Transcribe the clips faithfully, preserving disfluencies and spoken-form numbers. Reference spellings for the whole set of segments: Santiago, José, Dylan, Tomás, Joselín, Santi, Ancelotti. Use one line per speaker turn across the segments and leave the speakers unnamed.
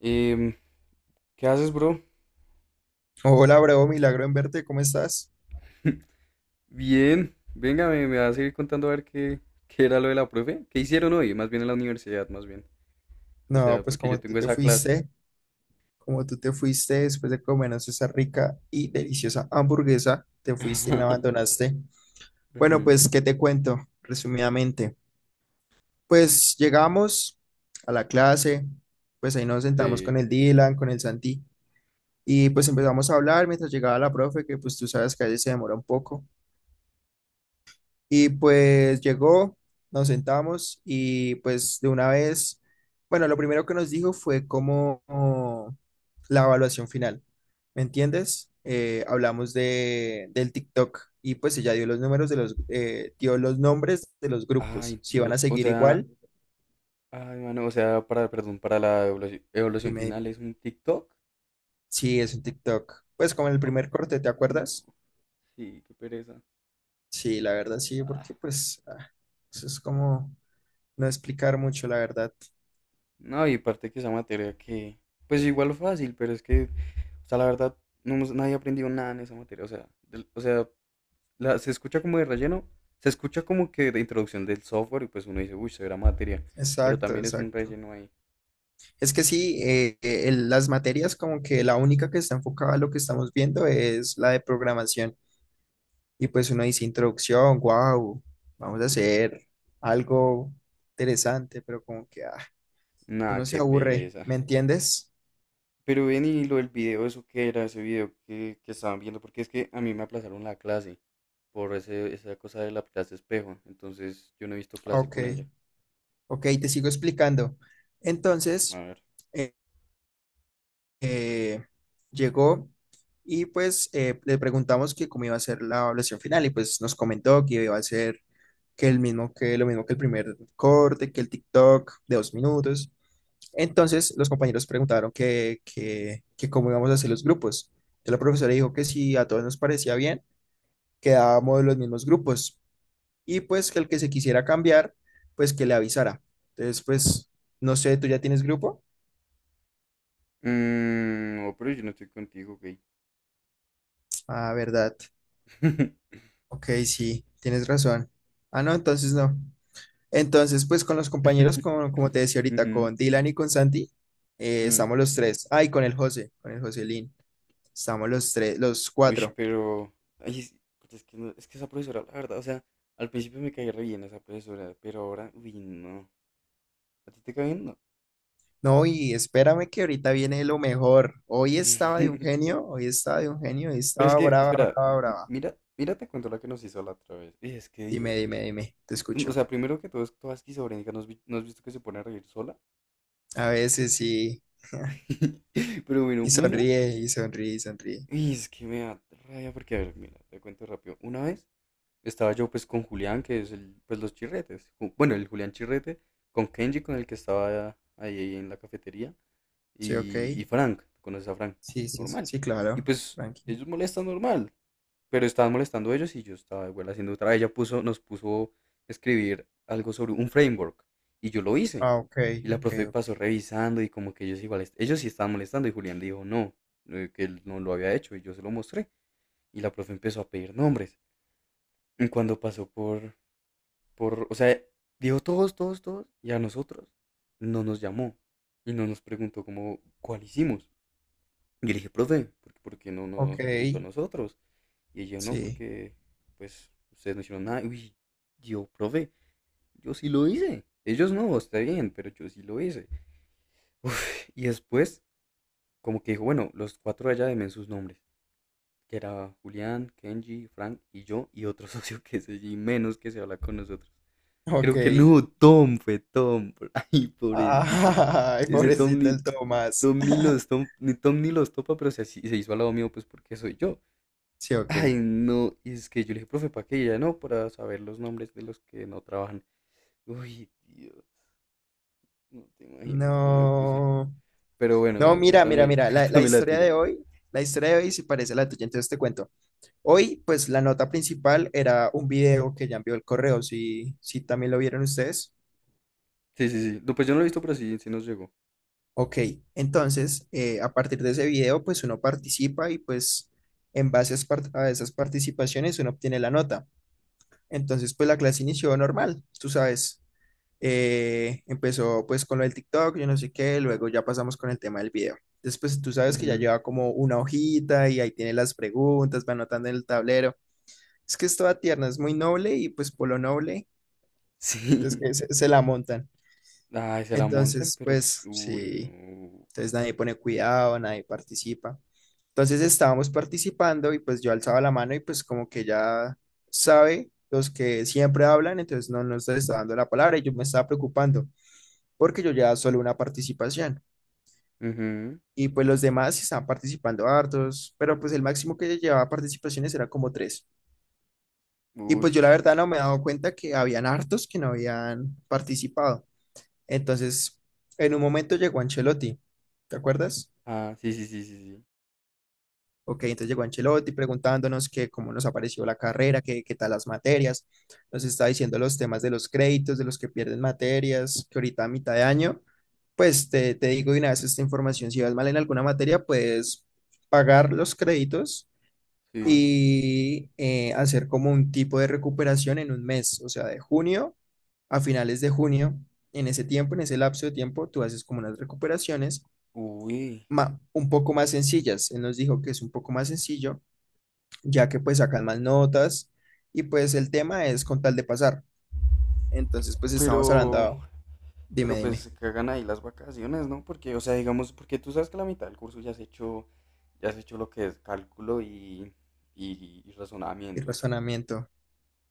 Em, ¿Qué haces, bro?
Hola, bro, milagro en verte, ¿cómo estás?
Bien, venga, me, me vas a seguir contando a ver qué, qué era lo de la profe. ¿Qué hicieron hoy? Más bien en la universidad, más bien. O
No,
sea,
pues
porque
como
yo
tú
tengo
te
esa clase.
fuiste, como tú te fuiste después de comernos esa rica y deliciosa hamburguesa, te fuiste y me abandonaste. Bueno,
Ujú.
pues, ¿qué te cuento resumidamente? Pues llegamos a la clase, pues ahí nos sentamos
Sí.
con el Dylan, con el Santi, y pues empezamos a hablar mientras llegaba la profe, que pues tú sabes que a veces se demora un poco. Y pues llegó, nos sentamos y pues de una vez, bueno, lo primero que nos dijo fue como como la evaluación final, ¿me entiendes? Eh, hablamos de, del TikTok y pues ella dio los números de los, eh, dio los nombres de los grupos,
Ay,
si van a
Dios. O
seguir
sea,
igual,
ay, mano, o sea, para, perdón, para la evaluación, evaluación
dime, dime.
final es un TikTok.
Sí, es un TikTok. Pues como en el
Ay,
primer corte, ¿te
no,
acuerdas?
sí, qué pereza.
Sí, la verdad sí,
Ah,
porque pues ah, eso es como no explicar mucho, la verdad.
no, y parte que esa materia que, pues igual fácil, pero es que, o sea, la verdad, no hemos- nadie aprendió nada en esa materia. O sea, del- o sea, la- se escucha como de relleno, se escucha como que de introducción del software y pues uno dice, uy, será materia, pero
Exacto,
también es un
exacto.
relleno ahí.
Es que sí, eh, eh, el- las materias como que la única que está enfocada a lo que estamos viendo es la de programación. Y pues uno dice introducción, wow, vamos a hacer algo interesante, pero como que ah, uno
Nada,
se
qué
aburre,
pereza.
¿me entiendes?
Pero ven y lo del video, eso que era ese video que, que estaban viendo, porque es que a mí me aplazaron la clase por ese, esa cosa de la clase espejo, entonces yo no he visto clase
Ok,
con ella.
ok, te sigo explicando.
A
Entonces,
ver.
eh, llegó y pues eh, le preguntamos que cómo iba a ser la evaluación final y pues nos comentó que iba a ser que el mismo que lo mismo que el primer corte, que el TikTok de dos minutos. Entonces los compañeros preguntaron que, que, que cómo íbamos a hacer los grupos. Entonces, la profesora dijo que si a todos nos parecía bien, quedábamos los mismos grupos y pues que el que se quisiera cambiar, pues que le avisara. Entonces, pues, no sé, ¿tú ya tienes grupo?
Mm, no, pero yo no estoy contigo, gay.
Ah, ¿verdad? Ok, sí, tienes razón. Ah, no, entonces no. Entonces, pues con los compañeros, con- como te decía ahorita,
Ujú,
con Dylan y con Santi, eh,
mm.
estamos los tres. Ay, con el José, con el Joselín. Estamos los tres, los
Uy,
cuatro.
pero. Ay, es, es que no- es que esa profesora, la verdad, o sea, al principio me caía re bien esa profesora, pero ahora, uy, no. ¿A ti te cae bien? No.
No, y espérame que ahorita viene lo mejor. Hoy estaba de un genio, hoy estaba de un genio, hoy
Pero es
estaba
que,
brava,
espera,
brava,
m-
brava.
mira, mira, te cuento la que nos hizo la otra vez. Uy, es que
Dime,
Dios.
dime, dime, te
Tú- O
escucho.
sea, primero que todo es toda esquizofrénica, ¿no has, vi- no has visto que se pone a reír sola?
A veces sí.
Pero bueno,
Y
una.
sonríe, y sonríe, y sonríe.
Y es que me da rabia porque, a ver, mira, te cuento rápido. Una vez estaba yo pues con Julián, que es el, pues los chirretes. Ju- Bueno, el Julián Chirrete, con Kenji, con el que estaba ahí en la cafetería,
Sí, ok.
y, y Frank, tú conoces a Frank,
Sí, sí,
normal.
sí,
Y
claro.
pues
Tranqui.
ellos molestan normal, pero estaban molestando ellos y yo estaba igual haciendo otra. Ella puso, nos puso a escribir algo sobre un framework y yo lo hice.
Ah, ok,
Y la
ok,
profe
ok.
pasó revisando y como que ellos igual, est- ellos sí estaban molestando y Julián dijo no, eh, que él no lo había hecho y yo se lo mostré. Y la profe empezó a pedir nombres. Y cuando pasó por, por, o sea, dijo todos, todos, todos, y a nosotros no nos llamó y no nos preguntó como cuál hicimos. Yo le dije, profe, ¿por, por qué no
Ok,
nos preguntó a nosotros? Y ella no,
sí,
porque pues ustedes no hicieron nada. Uy, yo, profe, yo sí lo hice. Ellos no, está bien, pero yo sí lo hice. Uf, y después, como que dijo, bueno, los cuatro allá demen sus nombres, que era Julián, Kenji, Frank y yo, y otro socio que es allí menos que se habla con nosotros.
ok.
Creo que no, Tom fue Tom. Ay, pobrecito.
Ay,
Ese Tom
pobrecito
ni,
el Tomás.
Tom ni los tom- ni Tom ni los topa, pero se, así- se hizo al lado mío, pues porque soy yo.
Sí, ok.
Ay, no. Y es que yo le dije, profe, ¿para qué? Y ella no, para saber los nombres de los que no trabajan. Uy, Dios, no te imaginas cómo me puse.
No,
Pero bueno,
no,
bueno,
mira, mira,
cuéntame,
mira, la, la
cuéntame la
historia
tuya.
de hoy, la historia de hoy sí parece la tuya, entonces te cuento. Hoy, pues la nota principal era un video que ya envió el correo, si, si también lo vieron ustedes.
Sí, sí, sí. No, pues yo no lo he visto, pero sí, sí nos llegó.
Ok, entonces, eh, a partir de ese video, pues uno participa y pues en base a esas par- a esas participaciones uno obtiene la nota. Entonces, pues la clase inició normal, tú sabes. Eh, empezó pues con lo del TikTok, yo no sé qué, luego ya pasamos con el tema del video. Después tú sabes que ya
Ujú.
lleva como una hojita y ahí tiene las preguntas, va anotando en el tablero. Es que es toda tierna, es muy noble y pues por lo noble
Sí.
es que se, se la montan.
Ay, se la montan,
Entonces,
pero.
pues
Uy,
sí,
no.
entonces nadie pone cuidado, nadie participa. Entonces estábamos participando y pues yo alzaba la mano y pues como que ya sabe los que siempre hablan, entonces no nos está dando la palabra y yo me estaba preocupando porque yo ya solo una participación.
Ujú.
Y pues los demás sí estaban participando hartos, pero pues el máximo que llevaba participaciones era como tres. Y
Uy.
pues yo la verdad no me he dado cuenta que habían hartos que no habían participado. Entonces, en un momento llegó Ancelotti, ¿te acuerdas?
Ah, sí, sí, sí, sí, sí.
Ok, entonces llegó Ancelotti preguntándonos que cómo nos apareció la carrera, que qué tal las materias. Nos está diciendo los temas de los créditos, de los que pierden materias, que ahorita a mitad de año, pues te, te digo de una vez esta información, si vas mal en alguna materia, puedes pagar los créditos
Sí.
y eh, hacer como un tipo de recuperación en un mes, o sea, de junio a finales de junio, en ese tiempo, en ese lapso de tiempo, tú haces como unas recuperaciones
Uy.
ma- un poco más sencillas. Él nos dijo que es un poco más sencillo ya que pues sacan más notas y pues el tema es con tal de pasar. Entonces pues estamos
Pero,
hablando, dime,
pero pues
dime,
se cagan ahí las vacaciones, ¿no? Porque, o sea, digamos, porque tú sabes que la mitad del curso ya has hecho, ya has hecho lo que es cálculo y, y, y
el
razonamiento.
razonamiento,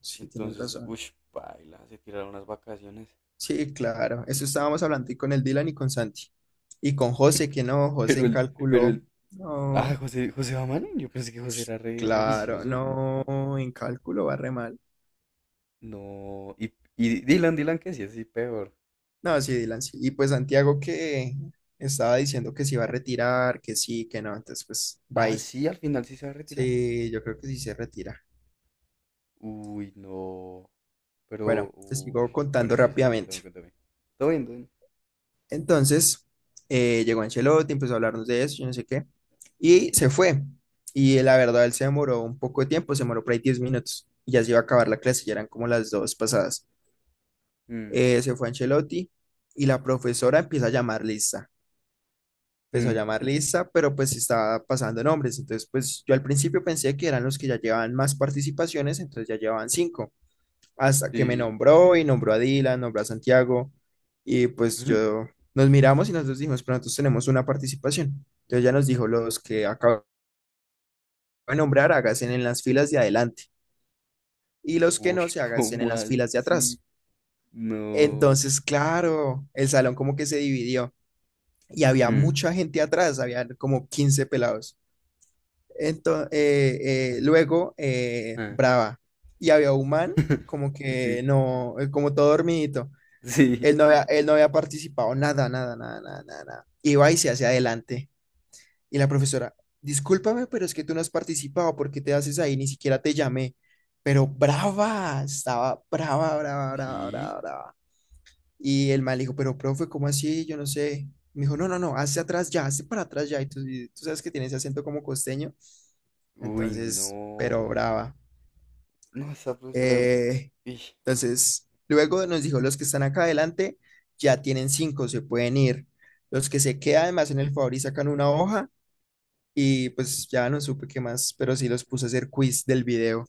sí, tienes
Entonces,
razón.
uy, paila, se tiraron las vacaciones.
Sí, claro, eso estábamos hablando y con el Dylan y con Santi. Y con José, que no, José
Pero
en
el, pero
cálculo,
el, ah,
no,
José, José va mal yo pensé que José era re, re
claro,
vicioso.
no, en cálculo va re mal.
No, y, y Dylan, Dylan, que sí, así peor.
No, sí, Dylan, sí. Y pues Santiago que estaba diciendo que se iba a retirar, que sí, que no, entonces pues va
Ah,
ahí.
sí, al final sí se va a retirar.
Sí, yo creo que sí se retira.
Uy, no.
Bueno,
Pero,
te
uy.
sigo contando
Bueno, sí, sí, cuéntame,
rápidamente.
cuéntame. Todo bien, todo bien.
Entonces, eh, llegó Ancelotti, empezó a hablarnos de eso, yo no sé qué, y se fue. Y eh, la verdad, él se demoró un poco de tiempo, se demoró por ahí diez minutos, y ya se iba a acabar la clase, ya eran como las dos pasadas.
Mm,
Eh, se fue Ancelotti y la profesora empieza a llamar lista. Empezó a
mm,
llamar lista, pero pues estaba pasando nombres. Entonces, pues yo al principio pensé que eran los que ya llevaban más participaciones, entonces ya llevaban cinco hasta que me
sí.
nombró y nombró a Dylan, nombró a Santiago y pues yo nos miramos y nosotros dijimos, pero nosotros tenemos una participación. Entonces ya nos dijo, los que acabo de nombrar, háganse en las filas de adelante y los que
Uy,
no, se háganse en
¿cómo
las filas de
así?
atrás.
No.
Entonces, claro, el salón como que se dividió y había
Mm,
mucha gente atrás, había como quince pelados. Entonces,
mm,
luego, eh,
ah,
Brava, y había un man como
sí,
que no, eh, como todo dormidito.
sí.
Él no había, él no había participado, nada, nada, nada, nada, nada, nada. Iba y se hacia adelante. Y la profesora, discúlpame, pero es que tú no has participado, ¿por qué te haces ahí? Ni siquiera te llamé. Pero brava, estaba brava, brava, brava,
¿Sí?
brava, brava. Y el mal dijo, pero profe, ¿cómo así? Yo no sé. Me dijo, no, no, no, hacia atrás ya, hazte para atrás ya. Y tú, y tú sabes que tiene ese acento como costeño.
Uy,
Entonces, pero
no.
brava.
No, esa profesora.
Eh,
Ij,
Entonces, luego nos dijo, los que están acá adelante ya tienen cinco, se pueden ir. Los que se quedan, además, en el favor y sacan una hoja y pues ya no supe qué más, pero sí los puse a hacer quiz del video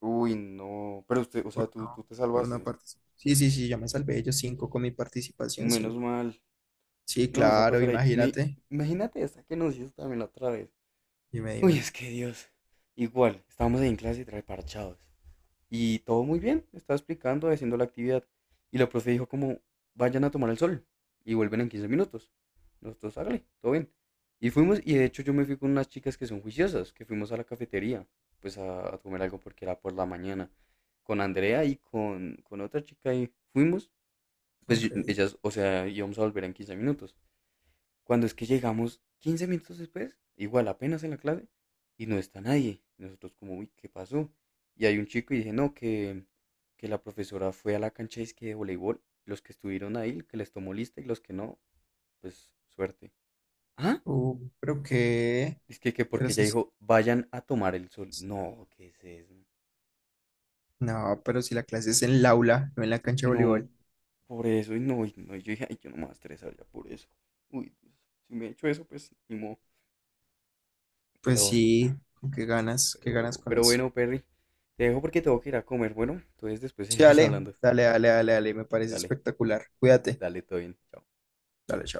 uy, no. Pero usted, o sea,
por
tú, tú
no,
te
por no
salvaste.
participar. Sí, sí, sí, yo me salvé yo cinco con mi participación,
Menos
cinco.
mal.
Sí,
No, esa
claro,
profesora. Y me,
imagínate.
imagínate esa que nos hizo también la otra vez.
Dime,
Uy,
dime.
es que Dios. Igual, estábamos ahí en clase trae parchados. Y todo muy bien, estaba explicando, haciendo la actividad. Y la profe dijo como, vayan a tomar el sol y vuelven en quince minutos. Nosotros, hágale, todo bien. Y fuimos, y de hecho yo me fui con unas chicas que son juiciosas, que fuimos a la cafetería, pues a, a comer algo porque era por la mañana. Con Andrea y con, con otra chica y fuimos, pues
Ok.
yo- ellas, o sea, íbamos a volver en quince minutos. Cuando es que llegamos quince minutos después, igual apenas en la clase, y no está nadie. Y nosotros como, uy, ¿qué pasó? Y hay un chico y dije, no, que, que la profesora fue a la cancha disque de voleibol. Los que estuvieron ahí, que les tomó lista y los que no, pues suerte. ¿Ah?
Uh, pero qué,
Es que, que
pero
porque
eso
ella
es-
dijo, vayan a tomar el sol. No, ¿qué es eso?
no, pero si la clase es en el aula, no en la cancha de
No,
voleibol,
por eso, y no, y no, yo dije, ay, yo no me voy a estresar ya por eso. Uy, si me he hecho eso, pues ni modo.
pues
Pero
sí, ¿con qué ganas, qué ganas
Pero,
con
pero
eso.
bueno, Perry, te dejo porque tengo que ir a comer. Bueno, entonces después
Sí,
seguimos
dale,
hablando.
dale, dale, dale, dale, me parece
Dale,
espectacular. Cuídate.
dale, todo bien. Chao.
Dale, chao.